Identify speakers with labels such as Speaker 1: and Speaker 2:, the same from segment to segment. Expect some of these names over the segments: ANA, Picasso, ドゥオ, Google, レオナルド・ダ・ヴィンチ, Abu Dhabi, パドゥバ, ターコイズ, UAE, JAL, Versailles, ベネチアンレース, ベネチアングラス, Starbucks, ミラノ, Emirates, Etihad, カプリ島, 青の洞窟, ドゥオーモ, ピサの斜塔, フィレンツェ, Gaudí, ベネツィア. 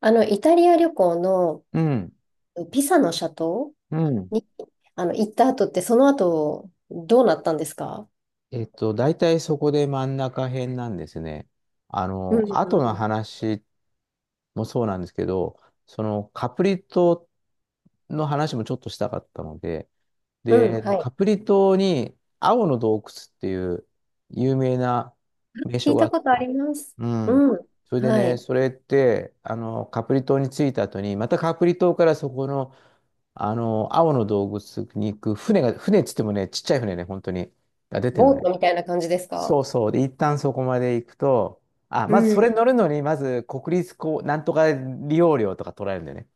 Speaker 1: イタリア旅行の
Speaker 2: うん、
Speaker 1: ピサの斜塔
Speaker 2: うん。
Speaker 1: に、行った後って、その後、どうなったんですか？
Speaker 2: 大体そこで真ん中辺なんですね。
Speaker 1: うん、う
Speaker 2: 後の
Speaker 1: ん、
Speaker 2: 話もそうなんですけど、そのカプリ島の話もちょっとしたかったので、
Speaker 1: うん、
Speaker 2: で、
Speaker 1: は
Speaker 2: カ
Speaker 1: い。
Speaker 2: プリ島に青の洞窟っていう有名な名
Speaker 1: 聞
Speaker 2: 所
Speaker 1: い
Speaker 2: があ
Speaker 1: た
Speaker 2: っ
Speaker 1: ことあ
Speaker 2: て。
Speaker 1: ります。
Speaker 2: うん。
Speaker 1: うん、
Speaker 2: それで
Speaker 1: は
Speaker 2: ね、
Speaker 1: い。
Speaker 2: それって、カプリ島に着いた後に、またカプリ島からそこの、青の洞窟に行く船が、船っつってもね、ちっちゃい船ね、本当に、が出てるの
Speaker 1: ボー
Speaker 2: ね。
Speaker 1: トみたいな感じですか？
Speaker 2: そうそう。で、一旦そこまで行くと、あ、
Speaker 1: う
Speaker 2: まずそれ
Speaker 1: ん。
Speaker 2: 乗るのに、まず国立こう、なんとか利用料とか取られるんだよね。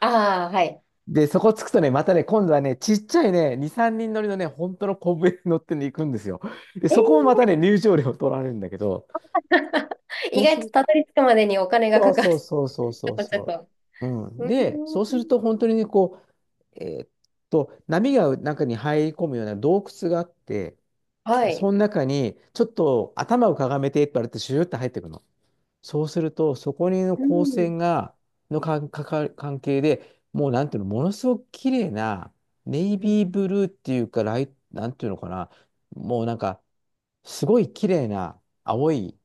Speaker 1: ああ、はい。
Speaker 2: で、そこ着くとね、またね、今度はね、ちっちゃいね、2、3人乗りのね、本当の小舟に乗ってね、行くんですよ。で、
Speaker 1: え
Speaker 2: そこも
Speaker 1: ー、
Speaker 2: またね、入場料取られるんだけど、そ
Speaker 1: 意
Speaker 2: う
Speaker 1: 外
Speaker 2: す
Speaker 1: と
Speaker 2: る
Speaker 1: たどり着くまでにお金がか
Speaker 2: と、
Speaker 1: かる。
Speaker 2: そう
Speaker 1: ち
Speaker 2: そうそう
Speaker 1: ょ
Speaker 2: そ
Speaker 1: っ
Speaker 2: う
Speaker 1: と、ちょ
Speaker 2: そ
Speaker 1: っと。
Speaker 2: う。うん。
Speaker 1: うー
Speaker 2: で、そ
Speaker 1: ん、
Speaker 2: うすると本当にね、こう、えーっ波が中に入り込むような洞窟があって、
Speaker 1: は
Speaker 2: でそ
Speaker 1: い。
Speaker 2: の中に、ちょっと頭をかがめてって言われて、シューって入ってくの。そうすると、そこにの
Speaker 1: う
Speaker 2: 光
Speaker 1: ん。
Speaker 2: 線が、のかんかか関係で、もうなんていうの、ものすごく綺麗な、ネイ
Speaker 1: うん。
Speaker 2: ビーブルーっていうか、ライ、なんていうのかな、もうなんか、すごい綺麗な青い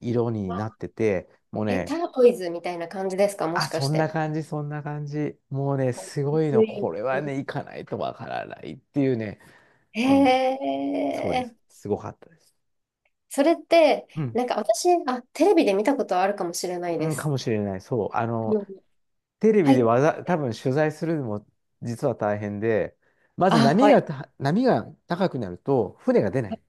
Speaker 2: 色になってて、もう
Speaker 1: え、タ
Speaker 2: ね、
Speaker 1: ーコイズみたいな感じですか、も
Speaker 2: あ、
Speaker 1: しか
Speaker 2: そ
Speaker 1: し
Speaker 2: んな
Speaker 1: て。
Speaker 2: 感じ、そんな感じ。もうね、すごい
Speaker 1: う
Speaker 2: の、こ
Speaker 1: ん、
Speaker 2: れはね、行かないとわからないっていうね。
Speaker 1: へ
Speaker 2: うん、そうです。
Speaker 1: ー。
Speaker 2: すごかったです。
Speaker 1: それって、
Speaker 2: うん、
Speaker 1: なんか私、あ、テレビで見たことあるかもしれない
Speaker 2: う
Speaker 1: で
Speaker 2: ん、か
Speaker 1: す。
Speaker 2: もしれない。そう。
Speaker 1: うん、
Speaker 2: テレ
Speaker 1: は
Speaker 2: ビで
Speaker 1: い。
Speaker 2: わざ、多分取材するのも実は大変で、まず
Speaker 1: あ、
Speaker 2: 波
Speaker 1: はい。
Speaker 2: がた、波が高くなると船が出ない。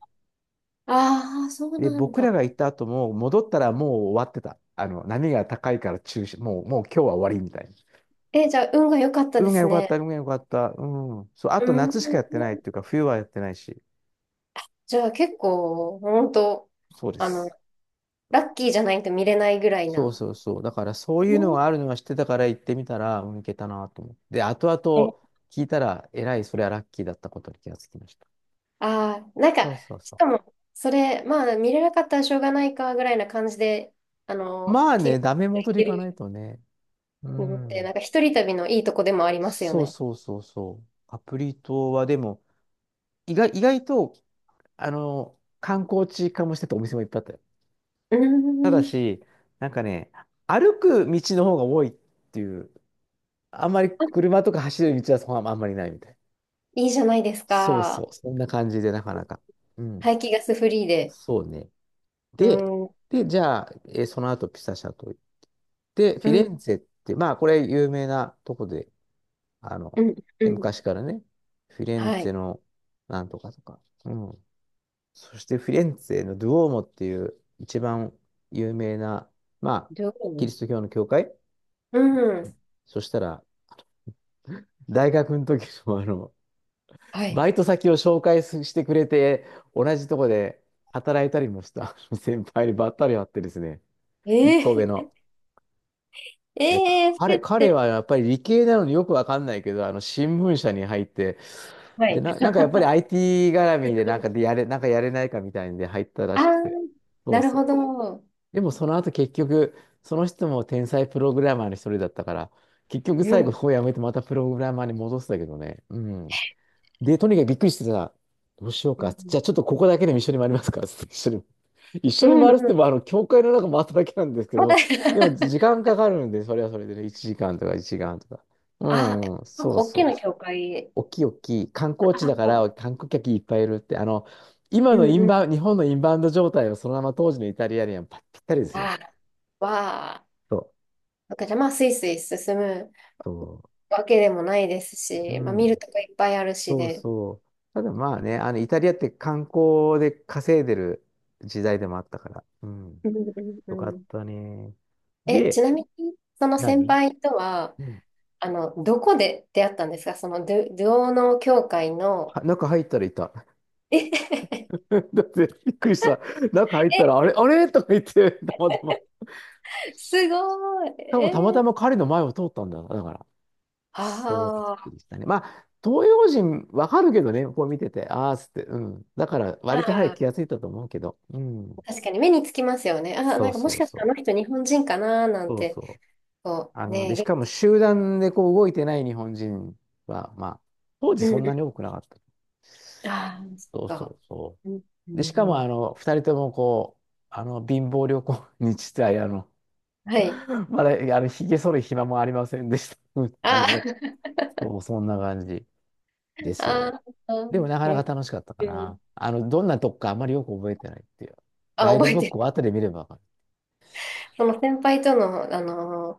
Speaker 1: ああ、そう
Speaker 2: で、
Speaker 1: なん
Speaker 2: 僕
Speaker 1: だ。
Speaker 2: らが行った後も戻ったらもう終わってた。あの、波が高いから中止、もう、もう今日は終わりみたいな。
Speaker 1: え、じゃあ、運が良かったで
Speaker 2: 運が
Speaker 1: す
Speaker 2: 良かった、
Speaker 1: ね。
Speaker 2: 運が良かった。うん。そう、あ
Speaker 1: う
Speaker 2: と夏しかやってないっ
Speaker 1: ん。
Speaker 2: ていうか、冬はやってないし。
Speaker 1: じゃあ、結構、本当
Speaker 2: そうで
Speaker 1: あの、
Speaker 2: す。
Speaker 1: ラッキーじゃないと見れないぐらい
Speaker 2: そう
Speaker 1: な。
Speaker 2: そうそう。だからそう
Speaker 1: う
Speaker 2: いうの
Speaker 1: ん、
Speaker 2: があるのは知ってたから行ってみたら、うん、いけたなと思って。で、後々聞いたら、えらい、それはラッキーだったことに気がつきました。
Speaker 1: ああー、なんか、
Speaker 2: そうそう
Speaker 1: し
Speaker 2: そ
Speaker 1: か
Speaker 2: う。
Speaker 1: も、それ、まあ、見れなかったらしょうがないか、ぐらいな感じで、
Speaker 2: まあ
Speaker 1: 気が
Speaker 2: ね、ダメ
Speaker 1: い
Speaker 2: 元でい
Speaker 1: け
Speaker 2: かな
Speaker 1: る
Speaker 2: いとね。う
Speaker 1: のって、な
Speaker 2: ん。
Speaker 1: んか、一人旅のいいとこでもありますよ
Speaker 2: そう
Speaker 1: ね。
Speaker 2: そうそうそう。カプリ島はでも、意外、意外と、観光地化もしてたお店もいっぱいあったよ。
Speaker 1: う
Speaker 2: ただ
Speaker 1: ん、
Speaker 2: し、なんかね、歩く道の方が多いっていう、あんまり車とか走る道はそこはあんまりないみたい。
Speaker 1: いいじゃないです
Speaker 2: そうそ
Speaker 1: か。
Speaker 2: う、そんな感じでなかなか。うん、
Speaker 1: 排気ガスフリーで。
Speaker 2: そうね。
Speaker 1: う
Speaker 2: で、
Speaker 1: ん、うん、
Speaker 2: で、じゃあ、その後ピサ社と行って、フィレ
Speaker 1: う
Speaker 2: ンツェって、まあこれ有名なとこで、あの、
Speaker 1: ん、うん。
Speaker 2: 昔からね、フィレン
Speaker 1: は
Speaker 2: ツェ
Speaker 1: い。
Speaker 2: のなんとかとか。うん。そしてフィレンツェのドゥオーモっていう一番有名な、まあ、
Speaker 1: ど
Speaker 2: キ
Speaker 1: う
Speaker 2: リスト教の教会。
Speaker 1: う
Speaker 2: う
Speaker 1: ん。
Speaker 2: ん。そしたら、大学の時の
Speaker 1: はい。
Speaker 2: バイト先を紹介すしてくれて、同じとこで働いたりもした 先輩にばったり会ってですね、一個上
Speaker 1: え
Speaker 2: の。
Speaker 1: ー、
Speaker 2: で、
Speaker 1: えー、それっ
Speaker 2: 彼
Speaker 1: て。
Speaker 2: はやっぱり理系なのによくわかんないけど、あの、新聞社に入って、
Speaker 1: は
Speaker 2: で、
Speaker 1: い。
Speaker 2: なんかやっぱり IT 絡みでなんかで やれ、なんかやれないかみたいんで入ったら
Speaker 1: ああ、
Speaker 2: しくて。そ
Speaker 1: な
Speaker 2: う
Speaker 1: る
Speaker 2: そ
Speaker 1: ほ
Speaker 2: う。
Speaker 1: ど。
Speaker 2: でもその後結局、その人も天才プログラマーの一人だったから、結局
Speaker 1: う
Speaker 2: 最後
Speaker 1: ん、
Speaker 2: こうやめてまたプログラマーに戻したけどね。うん。で、とにかくびっくりしてさ、どうしよう
Speaker 1: う
Speaker 2: か。
Speaker 1: ん、う
Speaker 2: じ
Speaker 1: ん、
Speaker 2: ゃあちょっとここだけでも一緒に回りますか。つって一緒に。一
Speaker 1: う
Speaker 2: 緒に回るって言
Speaker 1: ん。
Speaker 2: っても、あの、教会の中回っただけなんですけ
Speaker 1: まだ。
Speaker 2: ど、でも時間 かかるんで、それはそれでね、1時間とか。う
Speaker 1: あ、
Speaker 2: ん、うん、
Speaker 1: なん
Speaker 2: そ
Speaker 1: か
Speaker 2: う
Speaker 1: 大
Speaker 2: そ
Speaker 1: き
Speaker 2: う。
Speaker 1: な教会。
Speaker 2: 大きい大きい観光地
Speaker 1: あ、
Speaker 2: だから観光客いっぱいいるって、あの、今
Speaker 1: う
Speaker 2: のイ
Speaker 1: ん、
Speaker 2: ン
Speaker 1: うん。
Speaker 2: バウン、日本のインバウンド状態をそのまま当時のイタリアにはぴったりですね。
Speaker 1: あー、わあ。
Speaker 2: そう、
Speaker 1: なんかじゃあまあ、スイスイ進む
Speaker 2: そ
Speaker 1: わけでもないです
Speaker 2: う、
Speaker 1: し、まあ、
Speaker 2: う
Speaker 1: 見る
Speaker 2: ん、
Speaker 1: とこいっぱいあるし
Speaker 2: そう
Speaker 1: で。
Speaker 2: そう。ただまあね、あの、イタリアって観光で稼いでる時代でもあったから、うん、
Speaker 1: うん、うん、う
Speaker 2: よかっ
Speaker 1: ん、
Speaker 2: たね。
Speaker 1: え、ち
Speaker 2: で、
Speaker 1: なみに、その先
Speaker 2: 何
Speaker 1: 輩とは、
Speaker 2: うん。
Speaker 1: どこで出会ったんですか？その、ドゥオの教会の。
Speaker 2: は中入ったらいた。
Speaker 1: え、
Speaker 2: だってびっくりした。中入ったら、あれ、あれとか言って、たまたま。し
Speaker 1: すごい。
Speaker 2: かもたま
Speaker 1: え
Speaker 2: た
Speaker 1: ー、
Speaker 2: ま彼の前を通ったんだ。だから。そう、びっく
Speaker 1: あ
Speaker 2: りしたね。まあ、東洋人わかるけどね、こう見てて、ああ、つって、うん。だから、
Speaker 1: ー、
Speaker 2: 割と早く
Speaker 1: あ
Speaker 2: 気がついたと思うけど、う
Speaker 1: ー、
Speaker 2: ん。
Speaker 1: 確かに目につきますよね。あー、
Speaker 2: そ
Speaker 1: な
Speaker 2: う
Speaker 1: んかも
Speaker 2: そ
Speaker 1: し
Speaker 2: う
Speaker 1: かし
Speaker 2: そ
Speaker 1: てあの
Speaker 2: う。
Speaker 1: 人日本人かななん
Speaker 2: そう
Speaker 1: て、
Speaker 2: そう。
Speaker 1: こう、ね、
Speaker 2: で、しかも集団でこう動いてない日本人は、まあ、当時
Speaker 1: う
Speaker 2: そん
Speaker 1: ん、
Speaker 2: なに
Speaker 1: う
Speaker 2: 多くなかった。
Speaker 1: ん。ああ、そっ
Speaker 2: そうそ
Speaker 1: か。
Speaker 2: うそ
Speaker 1: うん、う
Speaker 2: う。で、しか
Speaker 1: ん、
Speaker 2: も、
Speaker 1: うん、
Speaker 2: 二人ともこう、貧乏旅行に実い
Speaker 1: はい。
Speaker 2: まだ、ひげ剃る暇もありませんでした。うん感
Speaker 1: あ
Speaker 2: じだった。
Speaker 1: ー、
Speaker 2: そう、そんな感じで すよ。
Speaker 1: あー、
Speaker 2: でもなか
Speaker 1: う
Speaker 2: な
Speaker 1: ん、
Speaker 2: か楽しかったか
Speaker 1: う
Speaker 2: な。
Speaker 1: ん、
Speaker 2: あの、どんなとこかあんまりよく覚えてないっていう。
Speaker 1: あ、
Speaker 2: ガイ
Speaker 1: 覚
Speaker 2: ド
Speaker 1: え
Speaker 2: ブッ
Speaker 1: て
Speaker 2: クを
Speaker 1: る。
Speaker 2: 後で見ればわかる。
Speaker 1: その先輩との、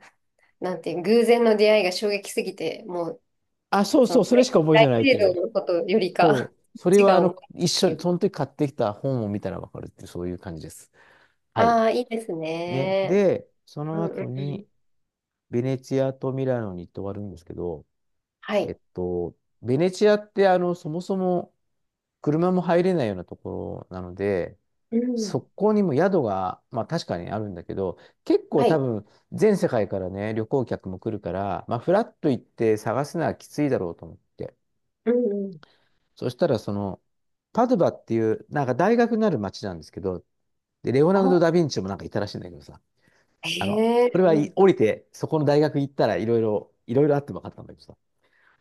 Speaker 1: なんていう、偶然の出会いが衝撃すぎて、もう、
Speaker 2: あ、そう
Speaker 1: そ
Speaker 2: そ
Speaker 1: の、
Speaker 2: う、それしか覚えて
Speaker 1: 大
Speaker 2: ないって
Speaker 1: 聖
Speaker 2: いう
Speaker 1: 堂
Speaker 2: ね。
Speaker 1: のことより
Speaker 2: そ
Speaker 1: か、
Speaker 2: う。それ
Speaker 1: 違
Speaker 2: は
Speaker 1: う
Speaker 2: あ
Speaker 1: 思いっ
Speaker 2: の、一緒
Speaker 1: てい
Speaker 2: に、
Speaker 1: う。
Speaker 2: その時買ってきた本を見たらわかるっていう、そういう感じです。はい。
Speaker 1: ああ、いいです
Speaker 2: ね。
Speaker 1: ね。
Speaker 2: で、そ
Speaker 1: う
Speaker 2: の
Speaker 1: ん、う
Speaker 2: 後
Speaker 1: ん、うん。
Speaker 2: に、ベネチアとミラノに行って終わるんですけど、
Speaker 1: は
Speaker 2: え
Speaker 1: い。
Speaker 2: っと、ベネチアってあの、そもそも車も入れないようなところなので、
Speaker 1: う
Speaker 2: そ
Speaker 1: ん。
Speaker 2: こにも宿が、まあ確かにあるんだけど、結構
Speaker 1: は
Speaker 2: 多
Speaker 1: い。
Speaker 2: 分全世界からね、旅行客も来るから、まあフラッと行って探すのはきついだろうと思って。
Speaker 1: うん、うん。
Speaker 2: そしたらその、パドゥバっていう、なんか大学になる街なんですけど、で、レオナル
Speaker 1: あ、
Speaker 2: ド・ダ・ヴィンチもなんかいたらしいんだけどさ、あの、
Speaker 1: へ
Speaker 2: こ
Speaker 1: え、
Speaker 2: れは
Speaker 1: う
Speaker 2: い
Speaker 1: ん。
Speaker 2: 降りて、そこの大学行ったらいろいろあって分かったんだけどさ、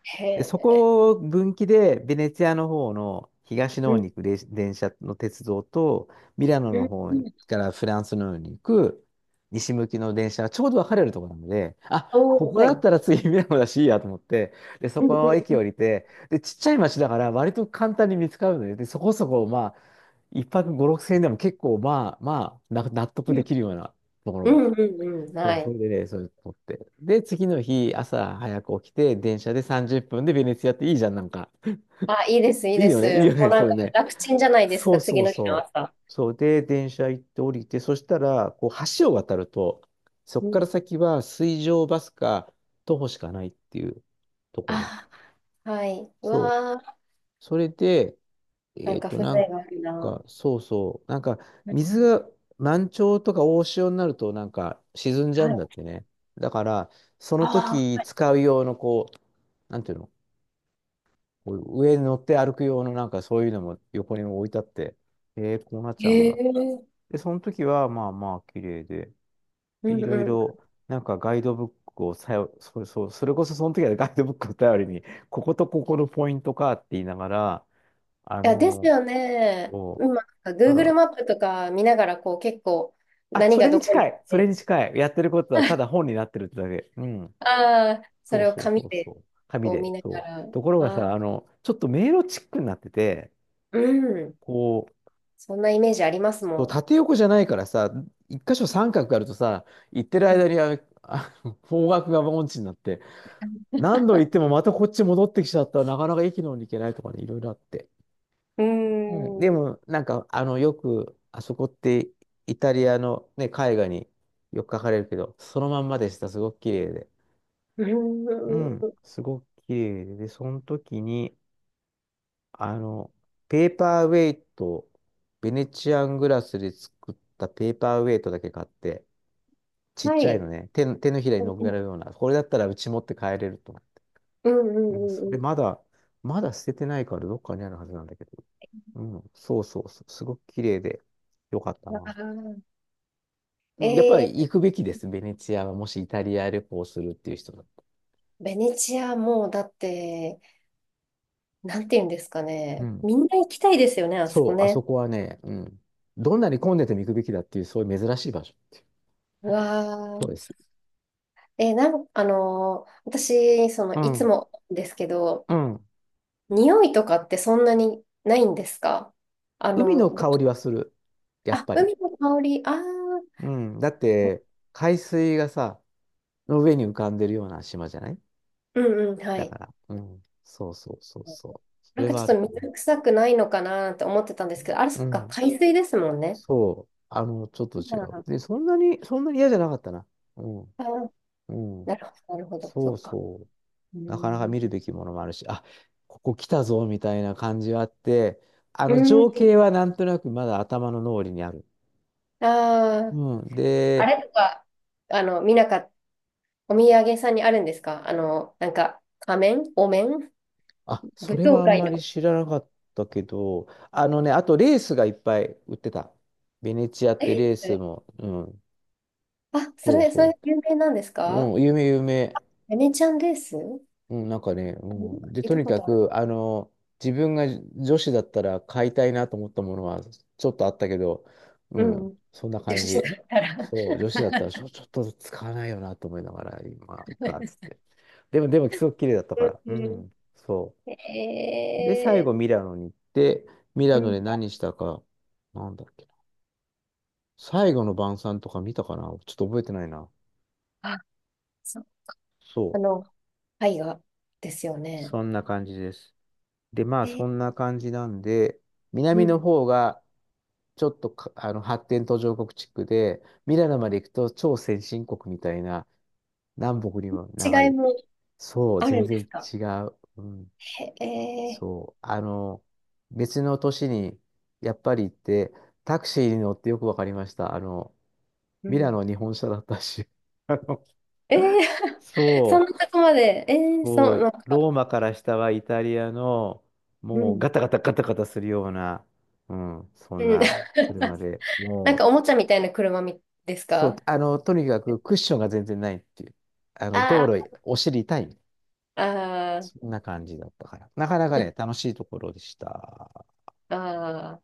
Speaker 1: へ
Speaker 2: で、そ
Speaker 1: え、
Speaker 2: こを分岐で、ベネツィアの方の東の
Speaker 1: う
Speaker 2: 方
Speaker 1: ん。
Speaker 2: に行く電車の鉄道と、ミラノ
Speaker 1: う
Speaker 2: の
Speaker 1: ん、
Speaker 2: 方
Speaker 1: うん。
Speaker 2: からフランスの方に行く西向きの電車がちょうど分かれるところなので、あ、こ
Speaker 1: おー、
Speaker 2: こ
Speaker 1: は
Speaker 2: だった
Speaker 1: い。
Speaker 2: ら次ミラノだしいいやと思って、で、そ
Speaker 1: うん、
Speaker 2: この
Speaker 1: う
Speaker 2: 駅降
Speaker 1: ん、
Speaker 2: りて、で、ちっちゃい町だから割と簡単に見つかるので、でそこそこ、まあ、一泊5、6千円でも結構、まあまあ、な納得
Speaker 1: う
Speaker 2: で
Speaker 1: ん。
Speaker 2: きるようなところ
Speaker 1: う
Speaker 2: が。
Speaker 1: ん、うん、うん。
Speaker 2: そ
Speaker 1: は
Speaker 2: う、そ
Speaker 1: い。
Speaker 2: れでね、それ撮って。で、次の日、朝早く起きて、電車で30分でベネツィアっていいじゃん、なんか。
Speaker 1: あ、いいです、いい
Speaker 2: いい
Speaker 1: で
Speaker 2: よ
Speaker 1: す。
Speaker 2: ね、いいよ
Speaker 1: も
Speaker 2: ね、
Speaker 1: うなん
Speaker 2: そ
Speaker 1: か
Speaker 2: れね。
Speaker 1: 楽ちんじゃないです
Speaker 2: そ
Speaker 1: か、
Speaker 2: うそ
Speaker 1: 次
Speaker 2: う
Speaker 1: の日の
Speaker 2: そ
Speaker 1: 朝。
Speaker 2: う。そう、で、電車行って降りて、そしたら、こう、橋を渡ると、そ
Speaker 1: う
Speaker 2: こか
Speaker 1: ん。
Speaker 2: ら先は水上バスか徒歩しかないっていうところ。
Speaker 1: あ、はい。う
Speaker 2: そう。
Speaker 1: わー、
Speaker 2: それで、
Speaker 1: なんか風情
Speaker 2: なん
Speaker 1: があるな。
Speaker 2: か、そうそう。なんか、
Speaker 1: う
Speaker 2: 水
Speaker 1: ん、
Speaker 2: が満潮とか大潮になると、なんか、沈んじゃう
Speaker 1: は
Speaker 2: ん
Speaker 1: い。
Speaker 2: だってね。だから、その
Speaker 1: あ
Speaker 2: 時
Speaker 1: あ、
Speaker 2: 使う用の、こう、なんていうの、こう上に乗って歩く用の、なんか、そういうのも横に置いてあって、こうなっちゃうん
Speaker 1: へ
Speaker 2: だ。
Speaker 1: え。
Speaker 2: で、その時は、まあまあ、綺麗で、
Speaker 1: う
Speaker 2: で、い
Speaker 1: ん、
Speaker 2: ろい
Speaker 1: うん。い
Speaker 2: ろ、なんか、ガイドブックをさよ、それ、そう、それこそ、その時はねガイドブックを頼りに、こことここのポイントかって言いながら、あ
Speaker 1: や、です
Speaker 2: の
Speaker 1: よね。
Speaker 2: こ
Speaker 1: 今、なんか
Speaker 2: うただ、
Speaker 1: Google マップとか見ながら、こう、結構、
Speaker 2: あ、
Speaker 1: 何
Speaker 2: それ
Speaker 1: がど
Speaker 2: に
Speaker 1: こ
Speaker 2: 近
Speaker 1: にあっ
Speaker 2: い。それ
Speaker 1: て、
Speaker 2: に近い。やってることはただ本になってるってだけ。うん。
Speaker 1: ああ、そ
Speaker 2: そう
Speaker 1: れを
Speaker 2: そう
Speaker 1: 紙
Speaker 2: そうそ
Speaker 1: で、
Speaker 2: う。紙
Speaker 1: こう、見
Speaker 2: で。
Speaker 1: なが
Speaker 2: そう。
Speaker 1: ら、
Speaker 2: ところが
Speaker 1: あ
Speaker 2: さ、
Speaker 1: あ、
Speaker 2: あの、ちょっと迷路チックになってて、
Speaker 1: うん。
Speaker 2: こう、
Speaker 1: そんなイメージあります
Speaker 2: そう
Speaker 1: も
Speaker 2: 縦横じゃないからさ、一箇所三角があるとさ、行ってる間に
Speaker 1: ん。
Speaker 2: 方角が音痴になって、何度行ってもまたこっち戻ってきちゃったらなかなか駅の方に行けないとかね、いろいろあって。
Speaker 1: う
Speaker 2: うん。で
Speaker 1: ん。うーん。
Speaker 2: も、なんか、あの、よく、あそこってイタリアのね、絵画によく描かれるけど、そのまんまでした。すごく綺麗で。
Speaker 1: うー
Speaker 2: うん、
Speaker 1: ん、
Speaker 2: すごく綺麗で、で、その時に、あの、ペーパーウェイト、ベネチアングラスで作ったペーパーウェイトだけ買って、ちっ
Speaker 1: は
Speaker 2: ちゃい
Speaker 1: い。
Speaker 2: のね、手のひらに
Speaker 1: う
Speaker 2: 乗っけら
Speaker 1: ん、
Speaker 2: れるような、これだったらうち持って帰れると思って。
Speaker 1: うん、う
Speaker 2: もうそ
Speaker 1: ん、
Speaker 2: れ
Speaker 1: う
Speaker 2: まだ、まだ捨ててないからどっかにあるはずなんだけど。うん、そうそうそう、すごく綺麗で、よかった
Speaker 1: ん。
Speaker 2: な。
Speaker 1: ああ、
Speaker 2: うん、やっぱり
Speaker 1: えー、
Speaker 2: 行くべきです、ベネチアは。もしイタリア旅行するっていう人だった
Speaker 1: ベネチアもうだって、なんて言うんですか
Speaker 2: ら。う
Speaker 1: ね。
Speaker 2: ん、
Speaker 1: みんな行きたいですよね、あそこ
Speaker 2: そう、あそ
Speaker 1: ね。
Speaker 2: こはね、うん。どんなに混んでても行くべきだっていう、そういう珍しい場所っていう。
Speaker 1: う
Speaker 2: そ
Speaker 1: わ、
Speaker 2: うです。
Speaker 1: えー、私、その、
Speaker 2: う
Speaker 1: いつ
Speaker 2: ん。
Speaker 1: もですけど、
Speaker 2: うん。
Speaker 1: 匂いとかってそんなにないんですか？あ
Speaker 2: 海の
Speaker 1: の、ど、
Speaker 2: 香りはする。やっ
Speaker 1: あ、
Speaker 2: ぱり。
Speaker 1: 海の香り、ああ、
Speaker 2: うん。だって、海水がさ、の上に浮かんでるような島じゃない
Speaker 1: うん、うん、は
Speaker 2: だか
Speaker 1: い。
Speaker 2: ら。うん。そうそうそうそう。そ
Speaker 1: なん
Speaker 2: れ
Speaker 1: かち
Speaker 2: は
Speaker 1: ょ
Speaker 2: あ
Speaker 1: っ
Speaker 2: る
Speaker 1: と
Speaker 2: かな。
Speaker 1: 水臭くないのかなって思ってたんですけど、あれ、そ
Speaker 2: う
Speaker 1: っか、
Speaker 2: ん。
Speaker 1: 海水ですもんね。
Speaker 2: そう。あの、ちょっと違う。
Speaker 1: あ
Speaker 2: で、そんなに、そんなに嫌じゃなかったな。うん。
Speaker 1: あー、
Speaker 2: うん。
Speaker 1: なるほど、なるほど、そ
Speaker 2: そう
Speaker 1: っか。
Speaker 2: そ
Speaker 1: うー
Speaker 2: う。なかなか
Speaker 1: ん。
Speaker 2: 見るべきものもあるし、あ、ここ来たぞみたいな感じはあって、あ
Speaker 1: う
Speaker 2: の
Speaker 1: ん。
Speaker 2: 情景はなんとなくまだ頭の脳裏にある。
Speaker 1: ああ、
Speaker 2: うん。
Speaker 1: あ
Speaker 2: で、
Speaker 1: れとか、見なかった、お土産屋さんにあるんですか？なんか、仮面お面
Speaker 2: あ、そ
Speaker 1: 舞
Speaker 2: れ
Speaker 1: 踏
Speaker 2: はあん
Speaker 1: 会
Speaker 2: ま
Speaker 1: の。
Speaker 2: り知らなかったけど、あのね、あとレースがいっぱい売ってた。ベネチアってレー
Speaker 1: え、
Speaker 2: スも、うん、
Speaker 1: あ、そ
Speaker 2: そう
Speaker 1: れ、それ
Speaker 2: そ
Speaker 1: 有名なんです
Speaker 2: う。
Speaker 1: か？
Speaker 2: うん、有名有名。
Speaker 1: ベネチアンレース、
Speaker 2: うん、なんかね、う
Speaker 1: あ、なんか
Speaker 2: ん。で、
Speaker 1: 聞い
Speaker 2: と
Speaker 1: た
Speaker 2: に
Speaker 1: こ
Speaker 2: か
Speaker 1: とある。
Speaker 2: く、あの、自分が女子だったら買いたいなと思ったものはちょっとあったけど、う
Speaker 1: う
Speaker 2: ん、
Speaker 1: ん。
Speaker 2: そんな
Speaker 1: 女
Speaker 2: 感
Speaker 1: 子だ
Speaker 2: じ。
Speaker 1: ったら。
Speaker 2: そう、女子だったらちょ、ちょっと使わないよなと思いながら、今いいか、つって。でも、でも、すごく綺麗だったから。
Speaker 1: う
Speaker 2: う
Speaker 1: ん。
Speaker 2: ん、そ う。で、最
Speaker 1: え
Speaker 2: 後、ミラノに行って、ミ
Speaker 1: ー、
Speaker 2: ラ
Speaker 1: う
Speaker 2: ノ
Speaker 1: ん。
Speaker 2: で何したか、なんだっけな。最後の晩餐とか見たかな、ちょっと覚えてないな。
Speaker 1: あ、そう。
Speaker 2: そ
Speaker 1: あ
Speaker 2: う。
Speaker 1: の、絵画ですよね。
Speaker 2: そんな感じです。で、まあ
Speaker 1: えー、
Speaker 2: そんな感じなんで、
Speaker 1: う
Speaker 2: 南の
Speaker 1: ん。
Speaker 2: 方がちょっとかあの発展途上国地区で、ミラノまで行くと超先進国みたいな、南北にも長
Speaker 1: 違い
Speaker 2: い。
Speaker 1: も
Speaker 2: そう、
Speaker 1: ある
Speaker 2: 全
Speaker 1: んです
Speaker 2: 然
Speaker 1: か？
Speaker 2: 違う。うん、
Speaker 1: へえ
Speaker 2: そう。あの、別の都市にやっぱり行って、タクシーに乗ってよくわかりました。あの、
Speaker 1: ー、う
Speaker 2: ミラ
Speaker 1: ん。
Speaker 2: ノ日本車だったし。あの、
Speaker 1: えー、そん
Speaker 2: そ
Speaker 1: なとこまで。え
Speaker 2: う。
Speaker 1: ー、そ
Speaker 2: そ
Speaker 1: う、な
Speaker 2: う、
Speaker 1: んか、
Speaker 2: ローマから下はイタリアの、
Speaker 1: う
Speaker 2: もうガ
Speaker 1: ん。
Speaker 2: タガタガタガタするような、うん、そん
Speaker 1: うん。
Speaker 2: な車 で、
Speaker 1: なん
Speaker 2: もう、
Speaker 1: かおもちゃみたいな車みです
Speaker 2: そう、
Speaker 1: か？
Speaker 2: あの、とにかくクッションが全然ないっていう、あの、道
Speaker 1: あ
Speaker 2: 路、お尻痛い、
Speaker 1: あ、あ
Speaker 2: そんな感じだったから、なかなかね、楽しいところでした。
Speaker 1: あ、ああ。